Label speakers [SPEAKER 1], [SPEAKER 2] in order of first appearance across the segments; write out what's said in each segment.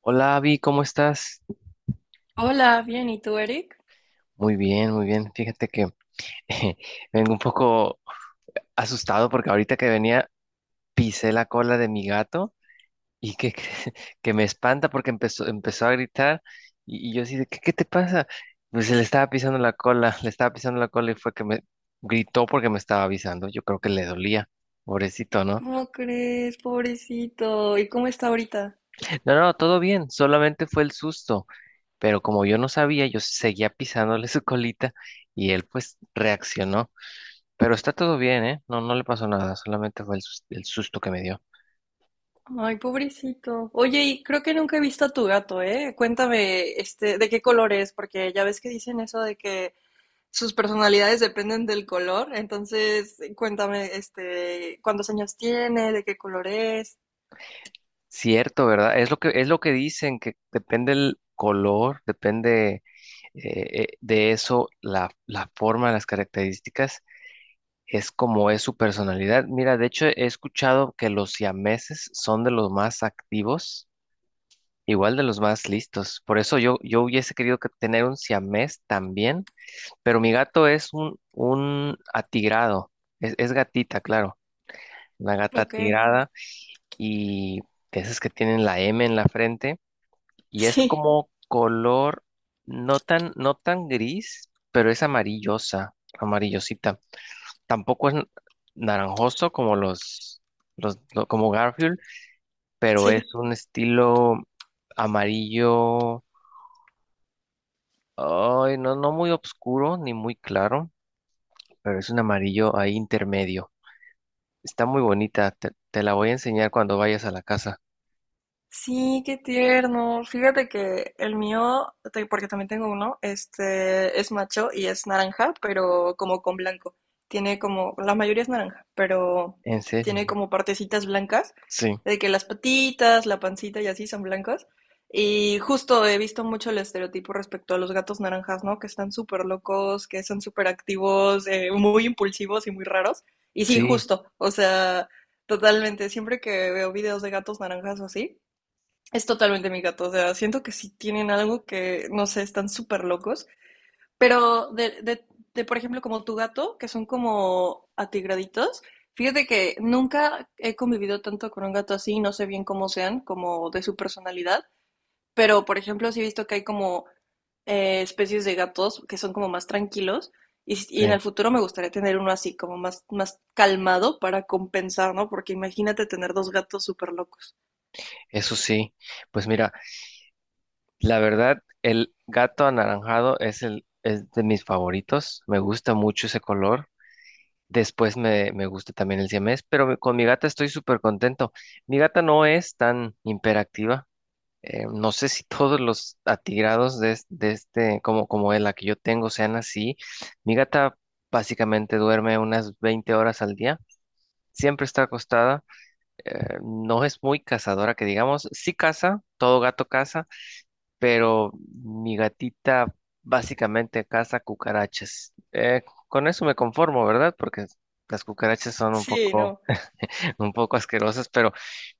[SPEAKER 1] Hola, Avi, ¿cómo estás?
[SPEAKER 2] Hola, bien, ¿y tú, Eric?
[SPEAKER 1] Muy bien, muy bien. Fíjate que vengo un poco asustado porque ahorita que venía pisé la cola de mi gato y que me espanta porque empezó a gritar y yo así de, ¿qué te pasa? Pues le estaba pisando la cola, le estaba pisando la cola y fue que me gritó porque me estaba avisando. Yo creo que le dolía. Pobrecito, ¿no?
[SPEAKER 2] ¿Cómo crees, pobrecito? ¿Y cómo está ahorita?
[SPEAKER 1] No, no, todo bien, solamente fue el susto, pero como yo no sabía, yo seguía pisándole su colita y él pues reaccionó. Pero está todo bien, ¿eh? No, no le pasó nada, solamente fue el susto que me dio.
[SPEAKER 2] Ay, pobrecito. Oye, y creo que nunca he visto a tu gato, ¿eh? Cuéntame, ¿de qué color es? Porque ya ves que dicen eso de que sus personalidades dependen del color. Entonces, cuéntame, ¿cuántos años tiene? ¿De qué color es?
[SPEAKER 1] Cierto, ¿verdad? Es lo que dicen, que depende el color, depende de eso, la forma, las características, es como es su personalidad. Mira, de hecho he escuchado que los siameses son de los más activos, igual de los más listos. Por eso yo hubiese querido que tener un siamés también. Pero mi gato es un atigrado. Es gatita, claro. Una gata
[SPEAKER 2] Ok.
[SPEAKER 1] atigrada y de esas que tienen la M en la frente. Y es
[SPEAKER 2] Sí,
[SPEAKER 1] como color no tan, no tan gris, pero es amarillosa, amarillosita. Tampoco es naranjoso como como Garfield, pero
[SPEAKER 2] sí.
[SPEAKER 1] es un estilo amarillo, ay, no, no muy oscuro ni muy claro, pero es un amarillo ahí intermedio. Está muy bonita, te la voy a enseñar cuando vayas a la casa.
[SPEAKER 2] Sí, qué tierno. Fíjate que el mío, porque también tengo uno, este es macho y es naranja, pero como con blanco. Tiene como, la mayoría es naranja, pero
[SPEAKER 1] ¿En serio?
[SPEAKER 2] tiene como partecitas blancas,
[SPEAKER 1] Sí,
[SPEAKER 2] de que las patitas, la pancita y así son blancas. Y justo he visto mucho el estereotipo respecto a los gatos naranjas, ¿no? Que están súper locos, que son súper activos, muy impulsivos y muy raros. Y sí,
[SPEAKER 1] sí,
[SPEAKER 2] justo, o sea, totalmente. Siempre que veo videos de gatos naranjas o así. Es totalmente mi gato, o sea, siento que sí tienen algo que, no sé, están súper locos, pero por ejemplo, como tu gato, que son como atigraditos, fíjate que nunca he convivido tanto con un gato así, no sé bien cómo sean, como de su personalidad, pero, por ejemplo, sí he visto que hay como especies de gatos que son como más tranquilos, en
[SPEAKER 1] sí,
[SPEAKER 2] el futuro me gustaría tener uno así, como más, más calmado para compensar, ¿no? Porque imagínate tener dos gatos súper locos.
[SPEAKER 1] eso sí. Pues mira, la verdad, el gato anaranjado es de mis favoritos. Me gusta mucho ese color. Después me gusta también el siamés, pero con mi gata estoy súper contento. Mi gata no es tan hiperactiva. No sé si todos los atigrados de este, como la que yo tengo, sean así. Mi gata básicamente duerme unas 20 horas al día. Siempre está acostada. Eh, no es muy cazadora, que digamos, sí caza, todo gato caza, pero mi gatita básicamente caza cucarachas. Con eso me conformo, ¿verdad? Porque las cucarachas son un
[SPEAKER 2] Sí,
[SPEAKER 1] poco,
[SPEAKER 2] no,
[SPEAKER 1] un poco asquerosas, pero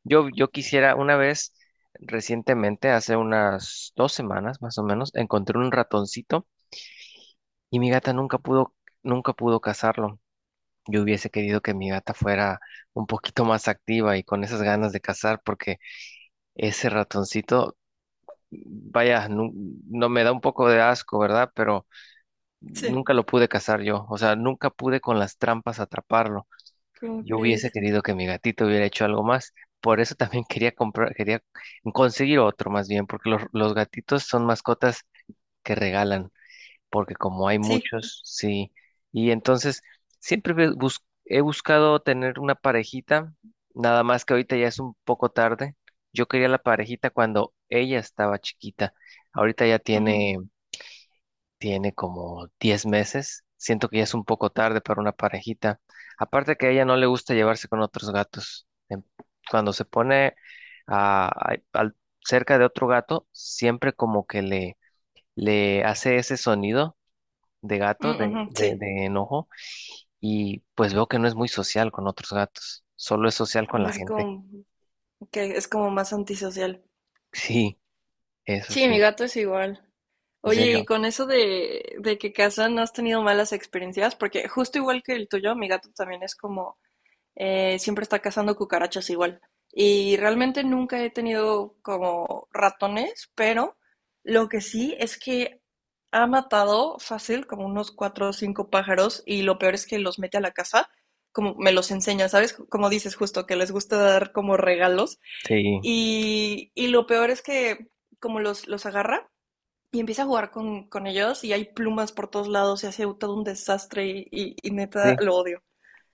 [SPEAKER 1] yo quisiera una vez, recientemente, hace unas 2 semanas más o menos, encontré un ratoncito y mi gata nunca pudo cazarlo. Yo hubiese querido que mi gata fuera un poquito más activa y con esas ganas de cazar, porque ese ratoncito, vaya, no, me da un poco de asco, ¿verdad? Pero
[SPEAKER 2] sí.
[SPEAKER 1] nunca lo pude cazar yo, o sea, nunca pude con las trampas atraparlo.
[SPEAKER 2] ¿Cómo
[SPEAKER 1] Yo hubiese
[SPEAKER 2] crees?
[SPEAKER 1] querido que mi gatito hubiera hecho algo más. Por eso también quería comprar, quería conseguir otro más bien, porque los gatitos son mascotas que regalan porque como hay
[SPEAKER 2] Sí,
[SPEAKER 1] muchos, sí. Y entonces siempre he buscado tener una parejita, nada más que ahorita ya es un poco tarde. Yo quería la parejita cuando ella estaba chiquita. Ahorita ya
[SPEAKER 2] ujú,
[SPEAKER 1] tiene como 10 meses. Siento que ya es un poco tarde para una parejita. Aparte que a ella no le gusta llevarse con otros gatos. Cuando se pone a- a- al- cerca de otro gato, siempre como que le hace ese sonido de gato,
[SPEAKER 2] mm,
[SPEAKER 1] de,
[SPEAKER 2] ujú, sí.
[SPEAKER 1] de, de enojo, y pues veo que no es muy social con otros gatos, solo es social con la
[SPEAKER 2] Es
[SPEAKER 1] gente.
[SPEAKER 2] como que es como más antisocial.
[SPEAKER 1] Sí, eso
[SPEAKER 2] Sí, mi
[SPEAKER 1] sí,
[SPEAKER 2] gato es igual.
[SPEAKER 1] en
[SPEAKER 2] Oye, y
[SPEAKER 1] serio.
[SPEAKER 2] con eso de que casan, ¿no has tenido malas experiencias? Porque justo igual que el tuyo, mi gato también es como siempre está cazando cucarachas igual. Y realmente nunca he tenido como ratones, pero lo que sí es que ha matado fácil como unos cuatro o cinco pájaros y lo peor es que los mete a la casa, como me los enseña, ¿sabes? Como dices justo, que les gusta dar como regalos.
[SPEAKER 1] Sí,
[SPEAKER 2] Y lo peor es que como los agarra y empieza a jugar con ellos y hay plumas por todos lados y hace todo un desastre y neta
[SPEAKER 1] sí,
[SPEAKER 2] lo odio.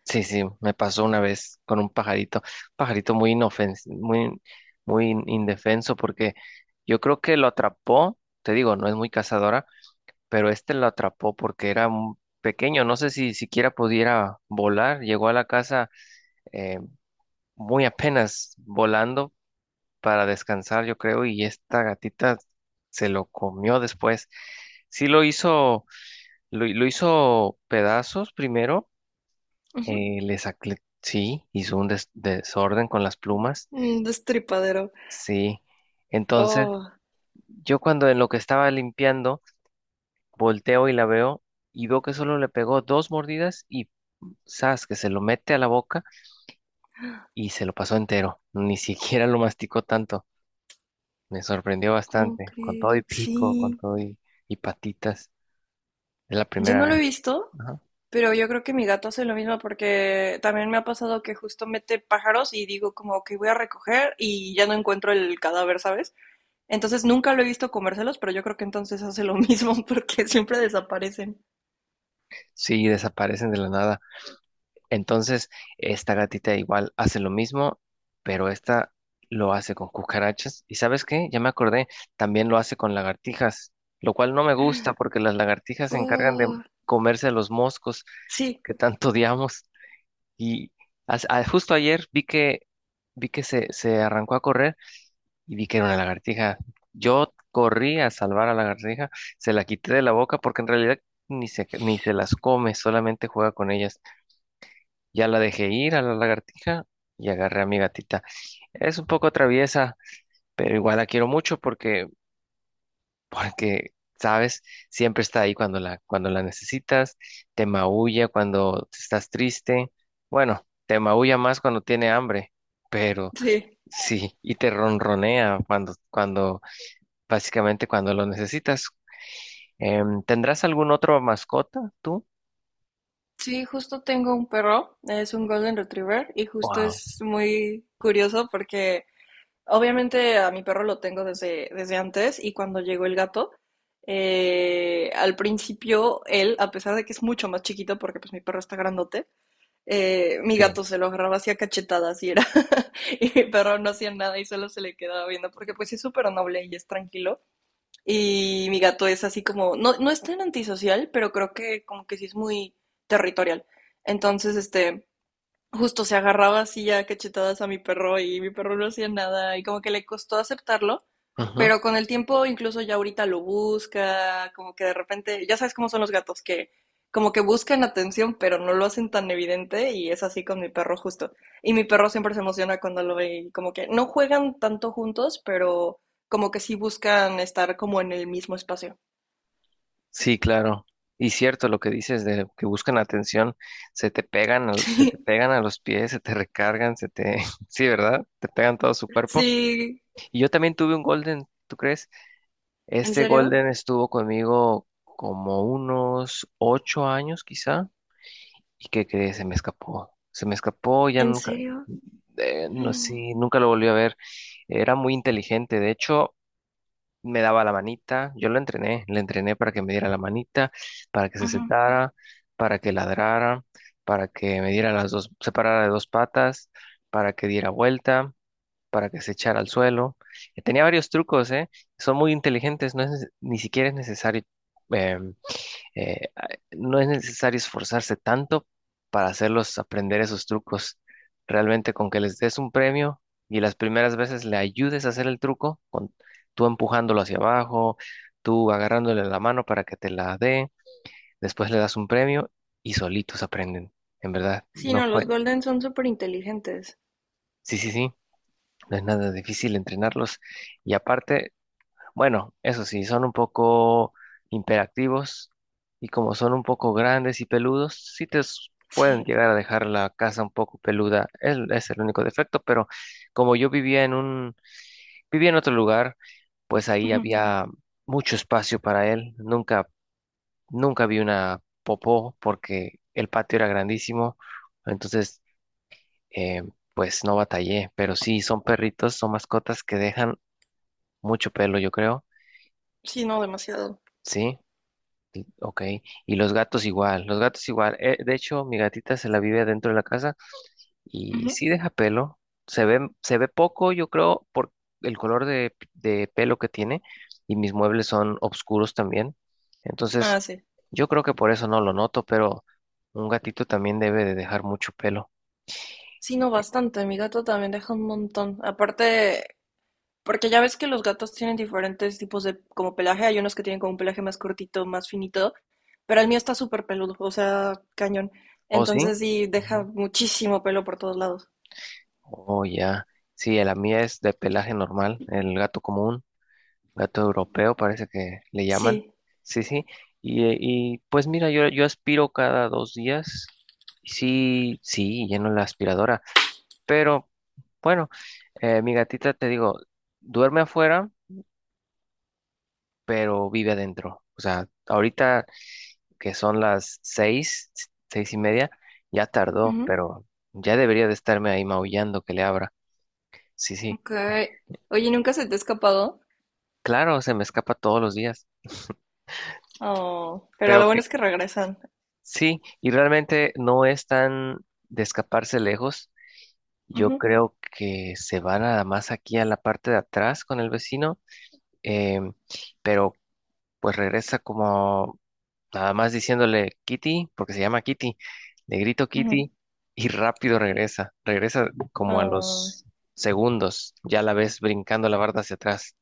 [SPEAKER 1] sí, sí, me pasó una vez con un pajarito, pajarito muy indefenso, porque yo creo que lo atrapó, te digo, no es muy cazadora, pero este lo atrapó porque era un pequeño, no sé si siquiera pudiera volar, llegó a la casa eh, muy apenas volando para descansar, yo creo, y esta gatita se lo comió después. Sí lo hizo, lo hizo pedazos primero,
[SPEAKER 2] Ujú.
[SPEAKER 1] sí, hizo un desorden con las plumas,
[SPEAKER 2] Un destripadero.
[SPEAKER 1] sí. Entonces,
[SPEAKER 2] Oh,
[SPEAKER 1] yo cuando en lo que estaba limpiando, volteo y la veo y veo que solo le pegó dos mordidas y zas, que se lo mete a la boca y se lo pasó entero, ni siquiera lo masticó tanto. Me sorprendió
[SPEAKER 2] ¿cómo
[SPEAKER 1] bastante, con todo y
[SPEAKER 2] crees?
[SPEAKER 1] pico, con
[SPEAKER 2] Sí,
[SPEAKER 1] todo y patitas. Es la
[SPEAKER 2] yo
[SPEAKER 1] primera
[SPEAKER 2] no lo
[SPEAKER 1] vez.
[SPEAKER 2] he visto,
[SPEAKER 1] Ajá.
[SPEAKER 2] pero yo creo que mi gato hace lo mismo porque también me ha pasado que justo mete pájaros y digo como que voy a recoger y ya no encuentro el cadáver, ¿sabes? Entonces nunca lo he visto comérselos, pero yo creo que entonces hace lo mismo porque siempre desaparecen.
[SPEAKER 1] Sí, desaparecen de la nada. Entonces, esta gatita igual hace lo mismo, pero esta lo hace con cucarachas. ¿Y sabes qué? Ya me acordé, también lo hace con lagartijas, lo cual no me gusta porque las lagartijas se encargan de
[SPEAKER 2] Uh,
[SPEAKER 1] comerse los moscos
[SPEAKER 2] sí,
[SPEAKER 1] que tanto odiamos. Y justo ayer vi que se arrancó a correr y vi que era una lagartija. Yo corrí a salvar a la lagartija, se la quité de la boca porque en realidad ni se las come, solamente juega con ellas. Ya la dejé ir a la lagartija y agarré a mi gatita. Es un poco traviesa, pero igual la quiero mucho porque, sabes, siempre está ahí cuando cuando la necesitas, te maulla cuando estás triste. Bueno, te maulla más cuando tiene hambre, pero
[SPEAKER 2] sí.
[SPEAKER 1] sí, y te ronronea cuando, cuando básicamente cuando lo necesitas. ¿Tendrás algún otro mascota tú?
[SPEAKER 2] Sí, justo tengo un perro, es un Golden Retriever y justo
[SPEAKER 1] Wow,
[SPEAKER 2] es muy curioso porque obviamente a mi perro lo tengo desde antes y cuando llegó el gato, al principio él, a pesar de que es mucho más chiquito porque pues mi perro está grandote, mi
[SPEAKER 1] sí.
[SPEAKER 2] gato se lo agarraba así a cachetadas y era, y mi perro no hacía nada y solo se le quedaba viendo porque pues sí es súper noble y es tranquilo y mi gato es así como, no, no es tan antisocial, pero creo que como que sí es muy territorial. Entonces, justo se agarraba así ya cachetadas a mi perro y mi perro no hacía nada y como que le costó aceptarlo,
[SPEAKER 1] Ujú.
[SPEAKER 2] pero con el tiempo incluso ya ahorita lo busca, como que de repente, ya sabes cómo son los gatos que como que buscan atención pero no lo hacen tan evidente y es así con mi perro justo. Y mi perro siempre se emociona cuando lo ve y como que no juegan tanto juntos, pero como que sí buscan estar como en el mismo espacio.
[SPEAKER 1] Sí, claro. Y cierto lo que dices de que buscan atención, se te pegan a los pies, se te recargan, se te, sí, ¿verdad? Te pegan todo su cuerpo.
[SPEAKER 2] Sí,
[SPEAKER 1] Y yo también tuve un golden, ¿tú crees?
[SPEAKER 2] ¿en
[SPEAKER 1] Este
[SPEAKER 2] serio?
[SPEAKER 1] golden estuvo conmigo como unos 8 años, quizá. ¿Y qué crees? Se me escapó. Se me escapó, ya
[SPEAKER 2] ¿En
[SPEAKER 1] nunca,
[SPEAKER 2] serio?
[SPEAKER 1] no sé, nunca lo volví a ver. Era muy inteligente, de hecho, me daba la manita, yo lo entrené, le entrené para que me diera la manita, para que se
[SPEAKER 2] Ujú.
[SPEAKER 1] sentara, para que ladrara, para que me diera las dos, se parara de dos patas, para que diera vuelta, para que se echara al suelo. Tenía varios trucos, ¿eh? Son muy inteligentes, ni siquiera es necesario. em, eh, no es necesario esforzarse tanto para hacerlos aprender esos trucos. Realmente con que les des un premio y las primeras veces le ayudes a hacer el truco, con tú empujándolo hacia abajo, tú agarrándole la mano para que te la dé, después le das un premio y solitos aprenden. En verdad,
[SPEAKER 2] Sí,
[SPEAKER 1] no
[SPEAKER 2] no, los
[SPEAKER 1] fue.
[SPEAKER 2] Golden son súper inteligentes.
[SPEAKER 1] Sí, sí, sí, no es nada difícil entrenarlos. Y aparte, bueno, eso sí, son un poco imperactivos y como son un poco grandes y peludos, sí pueden
[SPEAKER 2] Sí.
[SPEAKER 1] llegar a dejar la casa un poco peluda. Es el único defecto, pero como yo vivía en otro lugar, pues ahí
[SPEAKER 2] Ujú,
[SPEAKER 1] había mucho espacio para él. Nunca vi una popó porque el patio era grandísimo. Entonces, eh, pues no batallé, pero sí, son perritos, son mascotas que dejan mucho pelo, yo creo.
[SPEAKER 2] sí, no, demasiado.
[SPEAKER 1] Sí. Ok, y los gatos igual, los gatos igual. De hecho, mi gatita se la vive dentro de la casa y
[SPEAKER 2] Ujú.
[SPEAKER 1] sí deja pelo. Se ve poco, yo creo, por el color de pelo que tiene y mis muebles son oscuros también. Entonces,
[SPEAKER 2] Ah, sí.
[SPEAKER 1] yo creo que por eso no lo noto, pero un gatito también debe de dejar mucho pelo.
[SPEAKER 2] Sí, no,
[SPEAKER 1] Eh,
[SPEAKER 2] bastante. Mi gato también deja un montón. Aparte, porque ya ves que los gatos tienen diferentes tipos de como pelaje. Hay unos que tienen como un pelaje más cortito, más finito, pero el mío está súper peludo, o sea, cañón.
[SPEAKER 1] ¿O sí?
[SPEAKER 2] Entonces sí, deja
[SPEAKER 1] Ujú.
[SPEAKER 2] muchísimo pelo por todos lados.
[SPEAKER 1] Oh, ya. Sí, la mía es de pelaje normal, el gato común. Gato europeo, parece que le llaman.
[SPEAKER 2] Sí.
[SPEAKER 1] Sí, sí. Y, pues mira, yo aspiro cada 2 días. Sí, sí, lleno la aspiradora. Pero bueno, mi gatita, te digo, duerme afuera, pero vive adentro. O sea, ahorita que son las seis, seis y media, ya tardó,
[SPEAKER 2] Ujú,
[SPEAKER 1] pero ya debería de estarme ahí maullando que le abra. Sí, sí.
[SPEAKER 2] ok. Oye, ¿nunca se te ha escapado?
[SPEAKER 1] Claro, se me escapa todos los días.
[SPEAKER 2] Oh, pero
[SPEAKER 1] Pero
[SPEAKER 2] lo bueno
[SPEAKER 1] que
[SPEAKER 2] es que regresan.
[SPEAKER 1] Sí, y realmente no es tan de escaparse lejos. Yo
[SPEAKER 2] Ujú,
[SPEAKER 1] creo que se va nada más aquí a la parte de atrás con el vecino, em, pero pues regresa como nada más diciéndole Kitty, porque se llama Kitty. Le grito
[SPEAKER 2] ujú.
[SPEAKER 1] Kitty y rápido regresa. Regresa como a
[SPEAKER 2] Ah.
[SPEAKER 1] los segundos. Ya la ves brincando la barda hacia atrás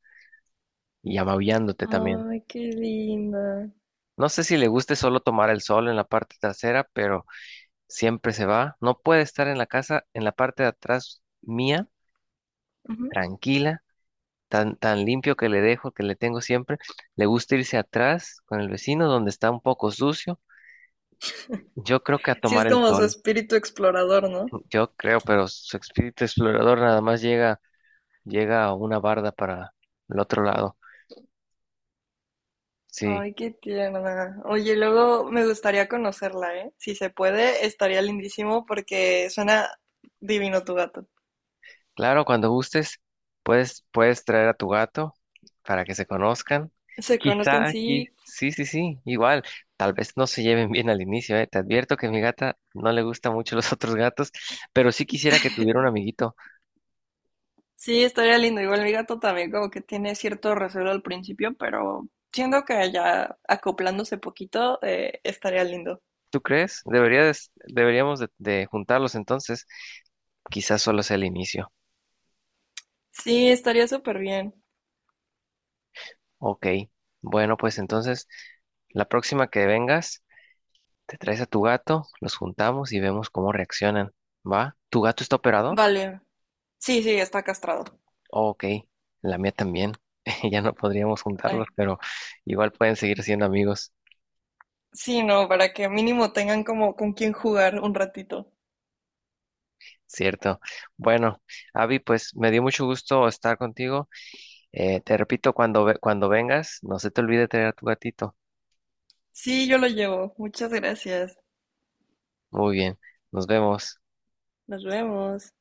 [SPEAKER 1] y amabillándote también.
[SPEAKER 2] Ay, qué linda.
[SPEAKER 1] No sé si le guste solo tomar el sol en la parte trasera, pero siempre se va. No puede estar en la casa, en la parte de atrás mía,
[SPEAKER 2] Ujú.
[SPEAKER 1] tranquila, tan, tan limpio que le dejo, que le tengo siempre. Le gusta irse atrás con el vecino donde está un poco sucio. Yo creo que a
[SPEAKER 2] Sí, es
[SPEAKER 1] tomar el
[SPEAKER 2] como su
[SPEAKER 1] sol,
[SPEAKER 2] espíritu explorador, ¿no?
[SPEAKER 1] yo creo, pero su espíritu explorador nada más llega, llega a una barda para el otro lado. Sí,
[SPEAKER 2] Ay, qué tierna. Oye, luego me gustaría conocerla, ¿eh? Si se puede, estaría lindísimo porque suena divino tu gato.
[SPEAKER 1] claro, cuando gustes, puedes traer a tu gato para que se conozcan.
[SPEAKER 2] Se
[SPEAKER 1] Quizá
[SPEAKER 2] conozcan,
[SPEAKER 1] aquí,
[SPEAKER 2] sí,
[SPEAKER 1] sí, sí, sí, igual. Tal vez no se lleven bien al inicio, ¿eh? Te advierto que a mi gata no le gustan mucho los otros gatos, pero sí quisiera que tuviera un amiguito.
[SPEAKER 2] sí, estaría lindo. Igual mi gato también como que tiene cierto recelo al principio, pero siento que ya acoplándose poquito, estaría lindo.
[SPEAKER 1] ¿Tú crees? Deberíamos de juntarlos entonces. Quizás solo sea el inicio.
[SPEAKER 2] Sí, estaría súper bien.
[SPEAKER 1] Ok. Bueno, pues entonces, la próxima que vengas, te traes a tu gato, los juntamos y vemos cómo reaccionan. ¿Va? ¿Tu gato está operado?
[SPEAKER 2] Vale. Sí, sí, está castrado.
[SPEAKER 1] Oh, ok, la mía también. Ya no podríamos juntarlos,
[SPEAKER 2] Ay.
[SPEAKER 1] pero igual pueden seguir siendo amigos,
[SPEAKER 2] Sí, no, para que mínimo tengan como con quién jugar un ratito.
[SPEAKER 1] ¿cierto? Bueno, Avi, pues me dio mucho gusto estar contigo. Te repito, cuando, cuando vengas, no se te olvide traer a tu gatito.
[SPEAKER 2] Sí, yo lo llevo. Muchas gracias.
[SPEAKER 1] Muy bien, nos vemos.
[SPEAKER 2] Nos vemos.